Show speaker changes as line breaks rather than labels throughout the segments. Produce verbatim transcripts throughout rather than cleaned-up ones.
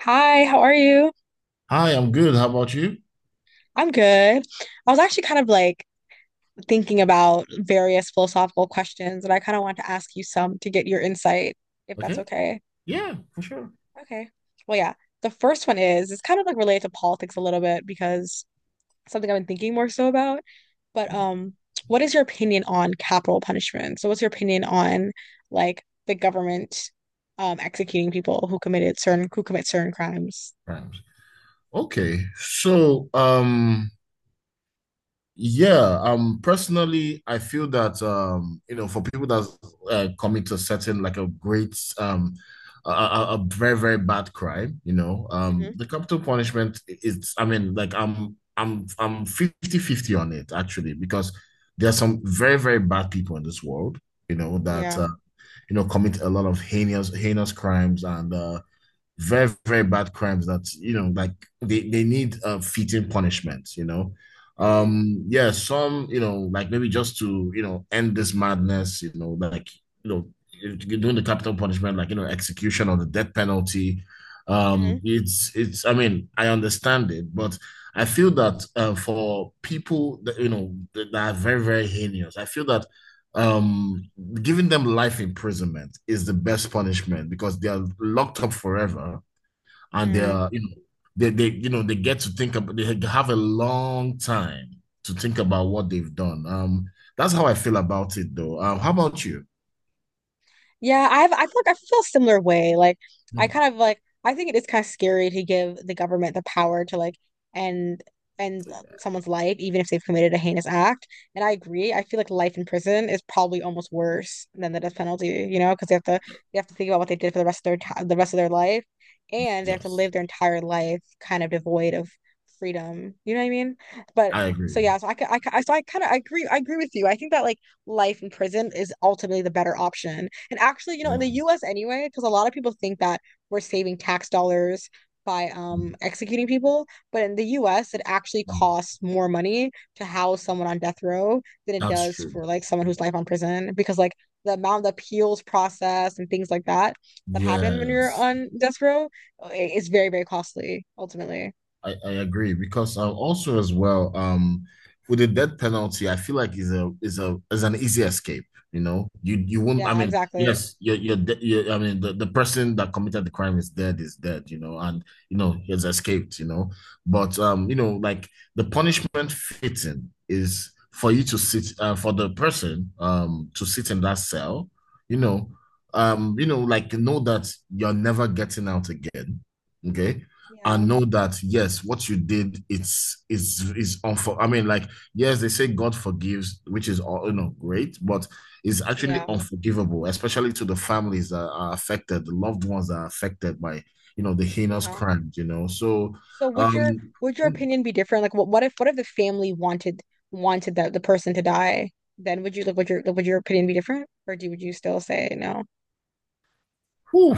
Hi, how are you?
Hi, I'm good. How about you?
I'm good. I was actually kind of like thinking about various philosophical questions, and I kind of want to ask you some to get your insight, if that's
Okay.
okay.
Yeah, for sure.
Okay. Well, yeah. The first one is it's kind of like related to politics a little bit because it's something I've been thinking more so about. But um, what is your opinion on capital punishment? So, what's your opinion on like the government um executing people who committed certain who commit certain crimes?
Rhymes. Okay. So, um, yeah, um, personally, I feel that um, you know, for people that uh, commit a certain like a great um a, a a very, very bad crime, you know, um, the
Hmm.
capital punishment is, I mean, like I'm I'm I'm fifty fifty on it actually, because there are some very, very bad people in this world, you know, that
Yeah.
uh, you know, commit a lot of heinous heinous crimes and uh very very bad crimes that you know like they they need a fitting punishment, you know. Um yeah some, you know, like maybe just to, you know, end this madness, you know, like, you know, you're doing the capital punishment, like, you know, execution or the death penalty. Um it's it's I mean I understand it, but I feel that uh, for people that, you know, that are very very heinous, I feel that um giving them life imprisonment is the best punishment because they are locked up forever and they
Mm-hmm.
are, you know, they, they you know they get to think about, they have a long time to think about what they've done. Um, that's how I feel about it though. Um, how about you?
Yeah, I've I feel like I feel a similar way. Like I
Mm.
kind of like I think it is kind of scary to give the government the power to like end end someone's life, even if they've committed a heinous act. And I agree. I feel like life in prison is probably almost worse than the death penalty, you know, because they have to they have to think about what they did for the rest of their ti the rest of their life, and they have to
Yes,
live their entire life kind of devoid of freedom. You know what I mean? But
I
so
agree.
yeah, so I ca- I ca- so I kind of I agree I agree with you. I think that like life in prison is ultimately the better option. And actually, you know,
Yeah.
in the U S anyway, because a lot of people think that we're saving tax dollars by um executing people, but in the U S it actually
Mm.
costs more money to house someone on death row than it
That's
does
true.
for like someone who's life on prison because like the amount of appeals process and things like that that happen when you're
Yes.
on death row is very very costly ultimately.
I, I agree because uh, also as well um with the death penalty I feel like is a is a is an easy escape. You know, you you won't, I
Yeah,
mean,
exactly.
yes, you're you're, de- you're, I mean, the, the person that committed the crime is dead is dead, you know, and you know he has escaped, you know. But um you know, like the punishment fitting is for you to sit uh, for the person um to sit in that cell, you know, um you know, like know that you're never getting out again. Okay?
Yeah.
And know that yes, what you did, it's its its unfor. I mean, like, yes, they say God forgives, which is all, you know, great, but it's actually
Yeah.
unforgivable, especially to the families that are affected, the loved ones that are affected by, you know, the heinous
Yeah.
crimes. You know, so
So would your
um,
would your opinion be different? Like what what if what if the family wanted wanted that the person to die? Then would you like would your like, would your opinion be different? Or do would you still say no?
whew.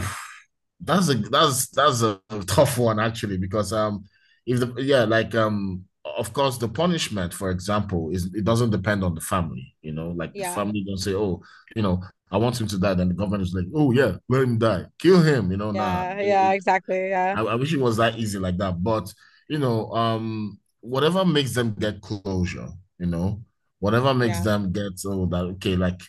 That's a that's that's a tough one actually, because um if the, yeah, like, um, of course the punishment, for example, is it doesn't depend on the family, you know, like the
Yeah.
family don't say, oh, you know, I want him to die, then the government is like, oh yeah, let him die, kill him, you know. Nah,
Yeah. Yeah, exactly. Yeah.
I, I wish it was that easy like that. But you know, um, whatever makes them get closure, you know, whatever makes
Yeah.
them get, oh, that okay, like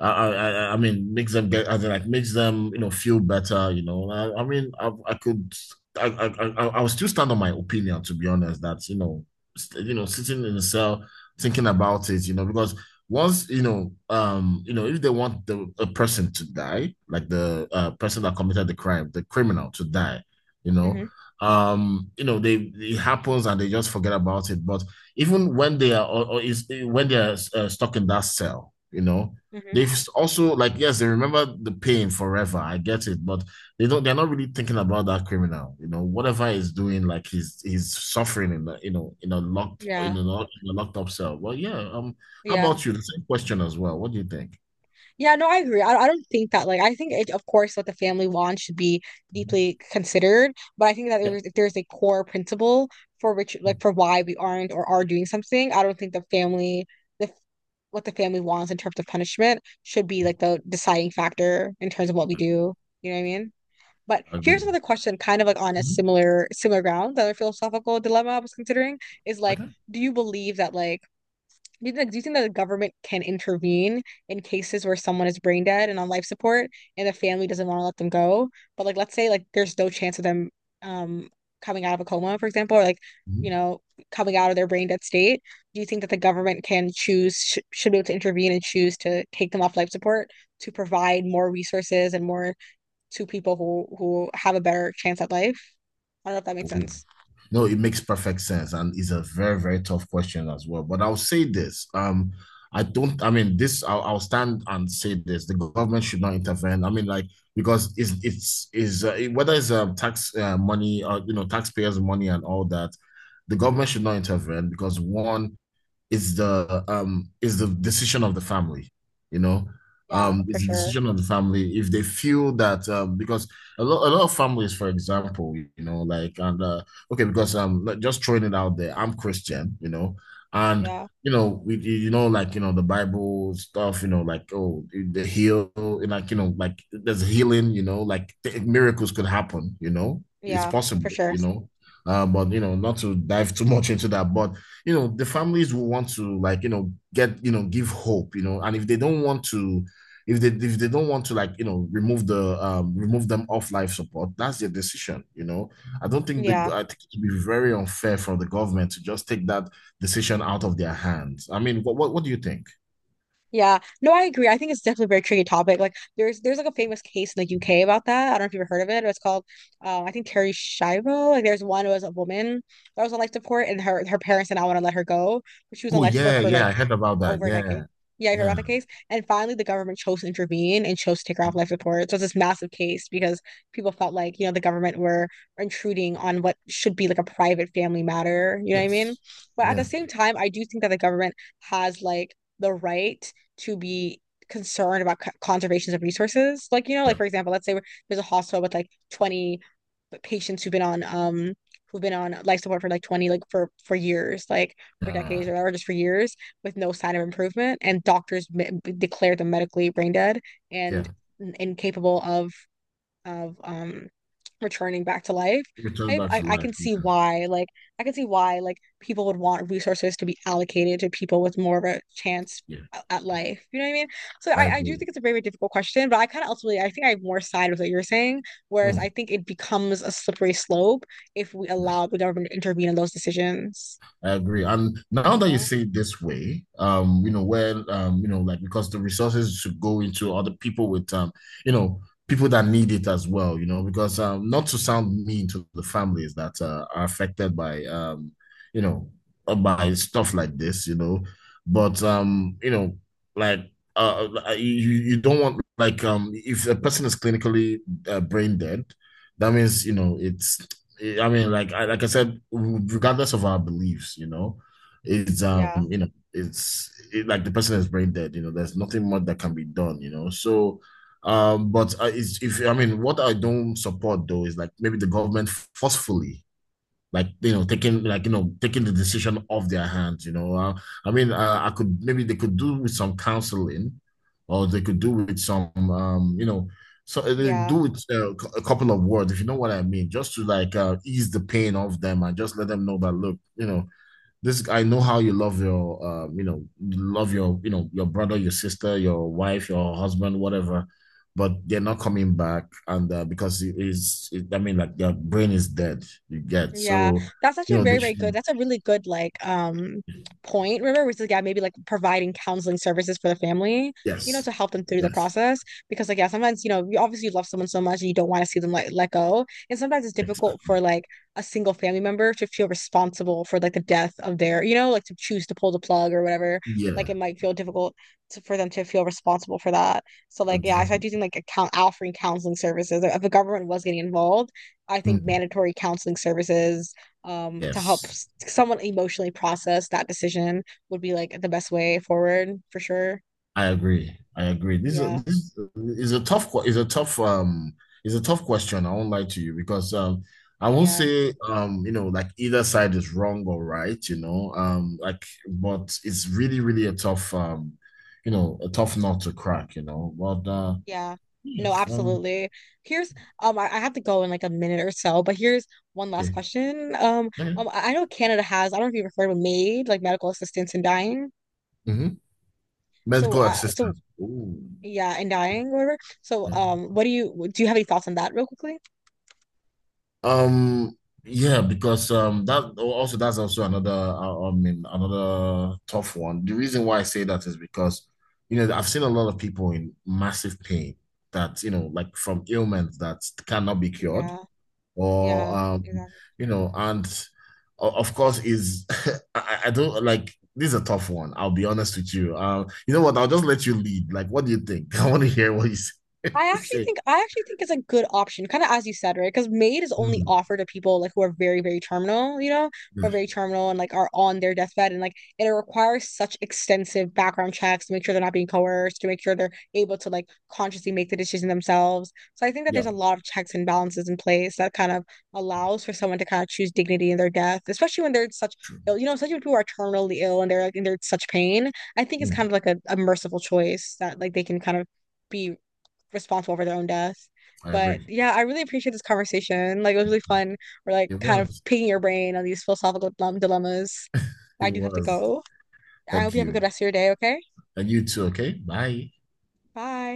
I I I mean makes them get, as in like makes them, you know, feel better, you know. I, I mean I I could I I I I- I still stand on my opinion, to be honest, that you know, st- you know, sitting in a cell thinking about it, you know, because once, you know, um, you know, if they want the a person to die, like the uh, person that committed the crime, the criminal to die, you know,
Mm-hmm.
um you know, they, it happens and they just forget about it. But even when they are, or, or is when they are uh, stuck in that cell, you know,
Mm-hmm.
they've also like, yes, they remember the pain forever, I get it, but they don't, they're not really thinking about that criminal, you know, whatever he's doing, like he's he's suffering in the, you know, in a locked
Yeah.
in a, lock- in a locked up cell. Well, yeah, um how
Yeah.
about you? The same question as well, what do you think?
Yeah, no, I agree. I, I don't think that like I think it, of course what the family wants should be
Mhm.
deeply considered, but I think that there
Yeah.
is, if there's a core principle for which like for why we aren't or are doing something, I don't think the family the what the family wants in terms of punishment should be
Mhm.
like the deciding factor in terms of what we do. You know what I mean? But
I
here's
agree.
another question, kind of like on a
Mhm.
similar similar ground, the other philosophical dilemma I was considering is like,
Okay.
do you believe that like do you think, do you think that the government can intervene in cases where someone is brain dead and on life support and the family doesn't want to let them go? But like let's say like there's no chance of them um coming out of a coma, for example, or like, you know, coming out of their brain dead state. Do you think that the government can choose sh should be able to intervene and choose to take them off life support to provide more resources and more to people who who have a better chance at life? I don't know if that makes
Mhm.
sense.
No, it makes perfect sense, and it's a very, very tough question as well. But I'll say this: um, I don't. I mean, this. I'll, I'll stand and say this: the government should not intervene. I mean, like, because it's it's is uh, whether it's um, tax uh, money or you know taxpayers' money and all that, the government should not intervene because one, is the um is the decision of the family, you know.
Yeah,
Um,
for
it's the
sure.
decision of the family if they feel that, um, because a lot a lot of families, for example, you know, like and uh, okay, because, um, like, just throwing it out there, I'm Christian, you know, and
Yeah.
you know, we, you know, like, you know, the Bible stuff, you know, like, oh, the heal, and like, you know, like there's healing, you know, like th- miracles could happen, you know, it's
Yeah, for
possible,
sure.
you know, uh, but, you know, not to dive too much into that, but you know the families will want to, like, you know, get, you know, give hope, you know, and if they don't want to, if they if they don't want to, like, you know, remove the um remove them off life support, that's their decision, you know. I don't think the,
Yeah.
I think it would be very unfair for the government to just take that decision out of their hands. I mean what what, what do you think?
Yeah, no, I agree. I think it's definitely a very tricky topic. Like, there's there's like a famous case in the U K about that. I don't know if you've ever heard of it. It was called, um, I think Terry Schiavo. Like, there's one who was a woman that was on life support, and her her parents did not want to let her go, but she was on
Oh
life support
yeah,
for
yeah,
like
I heard about that.
over a decade.
Yeah.
Yeah, I heard
Yeah.
about the case. And finally, the government chose to intervene and chose to take her off life support. So it's this massive case because people felt like, you know, the government were intruding on what should be like a private family matter. You know what I mean?
Yes.
But at the
yeah
same time, I do think that the government has like the right to be concerned about c- conservations of resources. Like, you know, like
yeah
for example, let's say there's a hospital with like twenty patients who've been on um who've been on life support for like twenty like for for years like for decades
yeah
or, or just for years with no sign of improvement and doctors me- declare them medically brain dead and
yeah
incapable of of um returning back to life,
Return
I,
back to
I I
life,
can see
yeah.
why like I can see why like people would want resources to be allocated to people with more of a chance
Yeah.
at life. You know what I mean? So
I
I, I do
agree.
think it's a very, very difficult question, but I kind of ultimately I think I have more side with what you're saying, whereas I
Hmm.
think it becomes a slippery slope if we allow the government to intervene in those decisions,
I agree. And now
you
that you
know?
say it this way, um, you know, where, um, you know, like, because the resources should go into other people with, um, you know, people that need it as well, you know, because, um, not to sound mean to the families that uh, are affected by, um, you know, uh, by stuff like this, you know, but,
Mhm.
um, you know, like, uh, you you don't want like, um, if a person is clinically uh, brain dead, that means, you know, it's, I mean, like I like I said, regardless of our beliefs, you know, it's,
Yeah.
um, you know, it's it, like the person is brain dead. You know, there's nothing much that can be done. You know, so, um, but uh, it's, if I mean, what I don't support though is like maybe the government forcefully, like, you know, taking, like, you know, taking the decision off their hands, you know. uh, I mean, uh, I could maybe they could do with some counseling or they could do with some um you know, so uh, they
Yeah.
do it, uh, c- a couple of words if you know what I mean, just to like uh, ease the pain off them and just let them know that, look, you know, this, I know how you love your, um, you know, love your, you know, your brother, your sister, your wife, your husband, whatever, but they're not coming back. And uh, because it is it, I mean, like, their brain is dead, you get.
Yeah,
So,
that's
you
actually
know,
very,
they
very good.
should,
That's a really good like um point, River, which is yeah, maybe like providing counseling services for the family, you know, to
yes.
help them through the
Yes.
process. Because like yeah, sometimes, you know, you obviously love someone so much and you don't want to see them like let go. And sometimes it's
ex-
difficult for like a single family member to feel responsible for like the death of their, you know, like to choose to pull the plug or whatever. Like it
Yeah.
might feel difficult to, for them to feel responsible for that. So like yeah, so I do
Exactly.
think like account offering counseling services, if the government was getting involved I think
Mm.
mandatory counseling services um, to help
Yes.
s- someone emotionally process that decision would be like the best way forward for sure.
I agree. I agree. This
Yeah,
is this is a tough que- is a tough um is a tough question. I won't lie to you because um I won't
yeah,
say, um, you know, like either side is wrong or right. You know, um, like, but it's really really a tough, um you know, a tough nut to crack. You know but uh
yeah.
yeah,
No,
um,
absolutely. Here's um, I, I have to go in like a minute or so, but here's one last
okay.
question. Um,
Okay.
um, I I know Canada has, I don't know if you've heard of MAID, like medical assistance in dying.
Hmm.
So,
Medical
uh, so
assistance. Ooh.
yeah, in dying or whatever. So,
Yeah.
um, what do you do? You have any thoughts on that, real quickly?
Um, yeah, because um that, oh, also that's also another uh, I mean, another tough one. The reason why I say that is because you know I've seen a lot of people in massive pain that you know like from ailments that cannot be cured
Yeah,
or
yeah,
um,
exactly.
you know, and o- of course is I, I don't like, this is a tough one. I'll be honest with you. Um, you know what? I'll just let you lead. Like, what do you think? I want to hear what you say.
I actually
Say.
think I actually think it's a good option, kind of as you said, right? Because Maid is only
Mm.
offered to people like who are very, very terminal, you know, who are very
Mm.
terminal and like are on their deathbed, and like it requires such extensive background checks to make sure they're not being coerced, to make sure they're able to like consciously make the decision themselves. So I think that there's
Yeah.
a lot of checks and balances in place that kind of allows for someone to kind of choose dignity in their death, especially when they're such ill, you know, especially when people are terminally ill and they're like and they're in such pain. I think it's kind
Mm.
of like a, a merciful choice that like they can kind of be responsible for their own deaths.
I
But
agree.
yeah, I really appreciate this conversation. Like it was really fun. We're like
It
kind of
was.
picking your brain on these philosophical dilem- dilemmas. I
It
do have to
was.
go. I hope
Thank
you have a good
you.
rest of your day, okay?
And you too, okay? Bye.
Bye.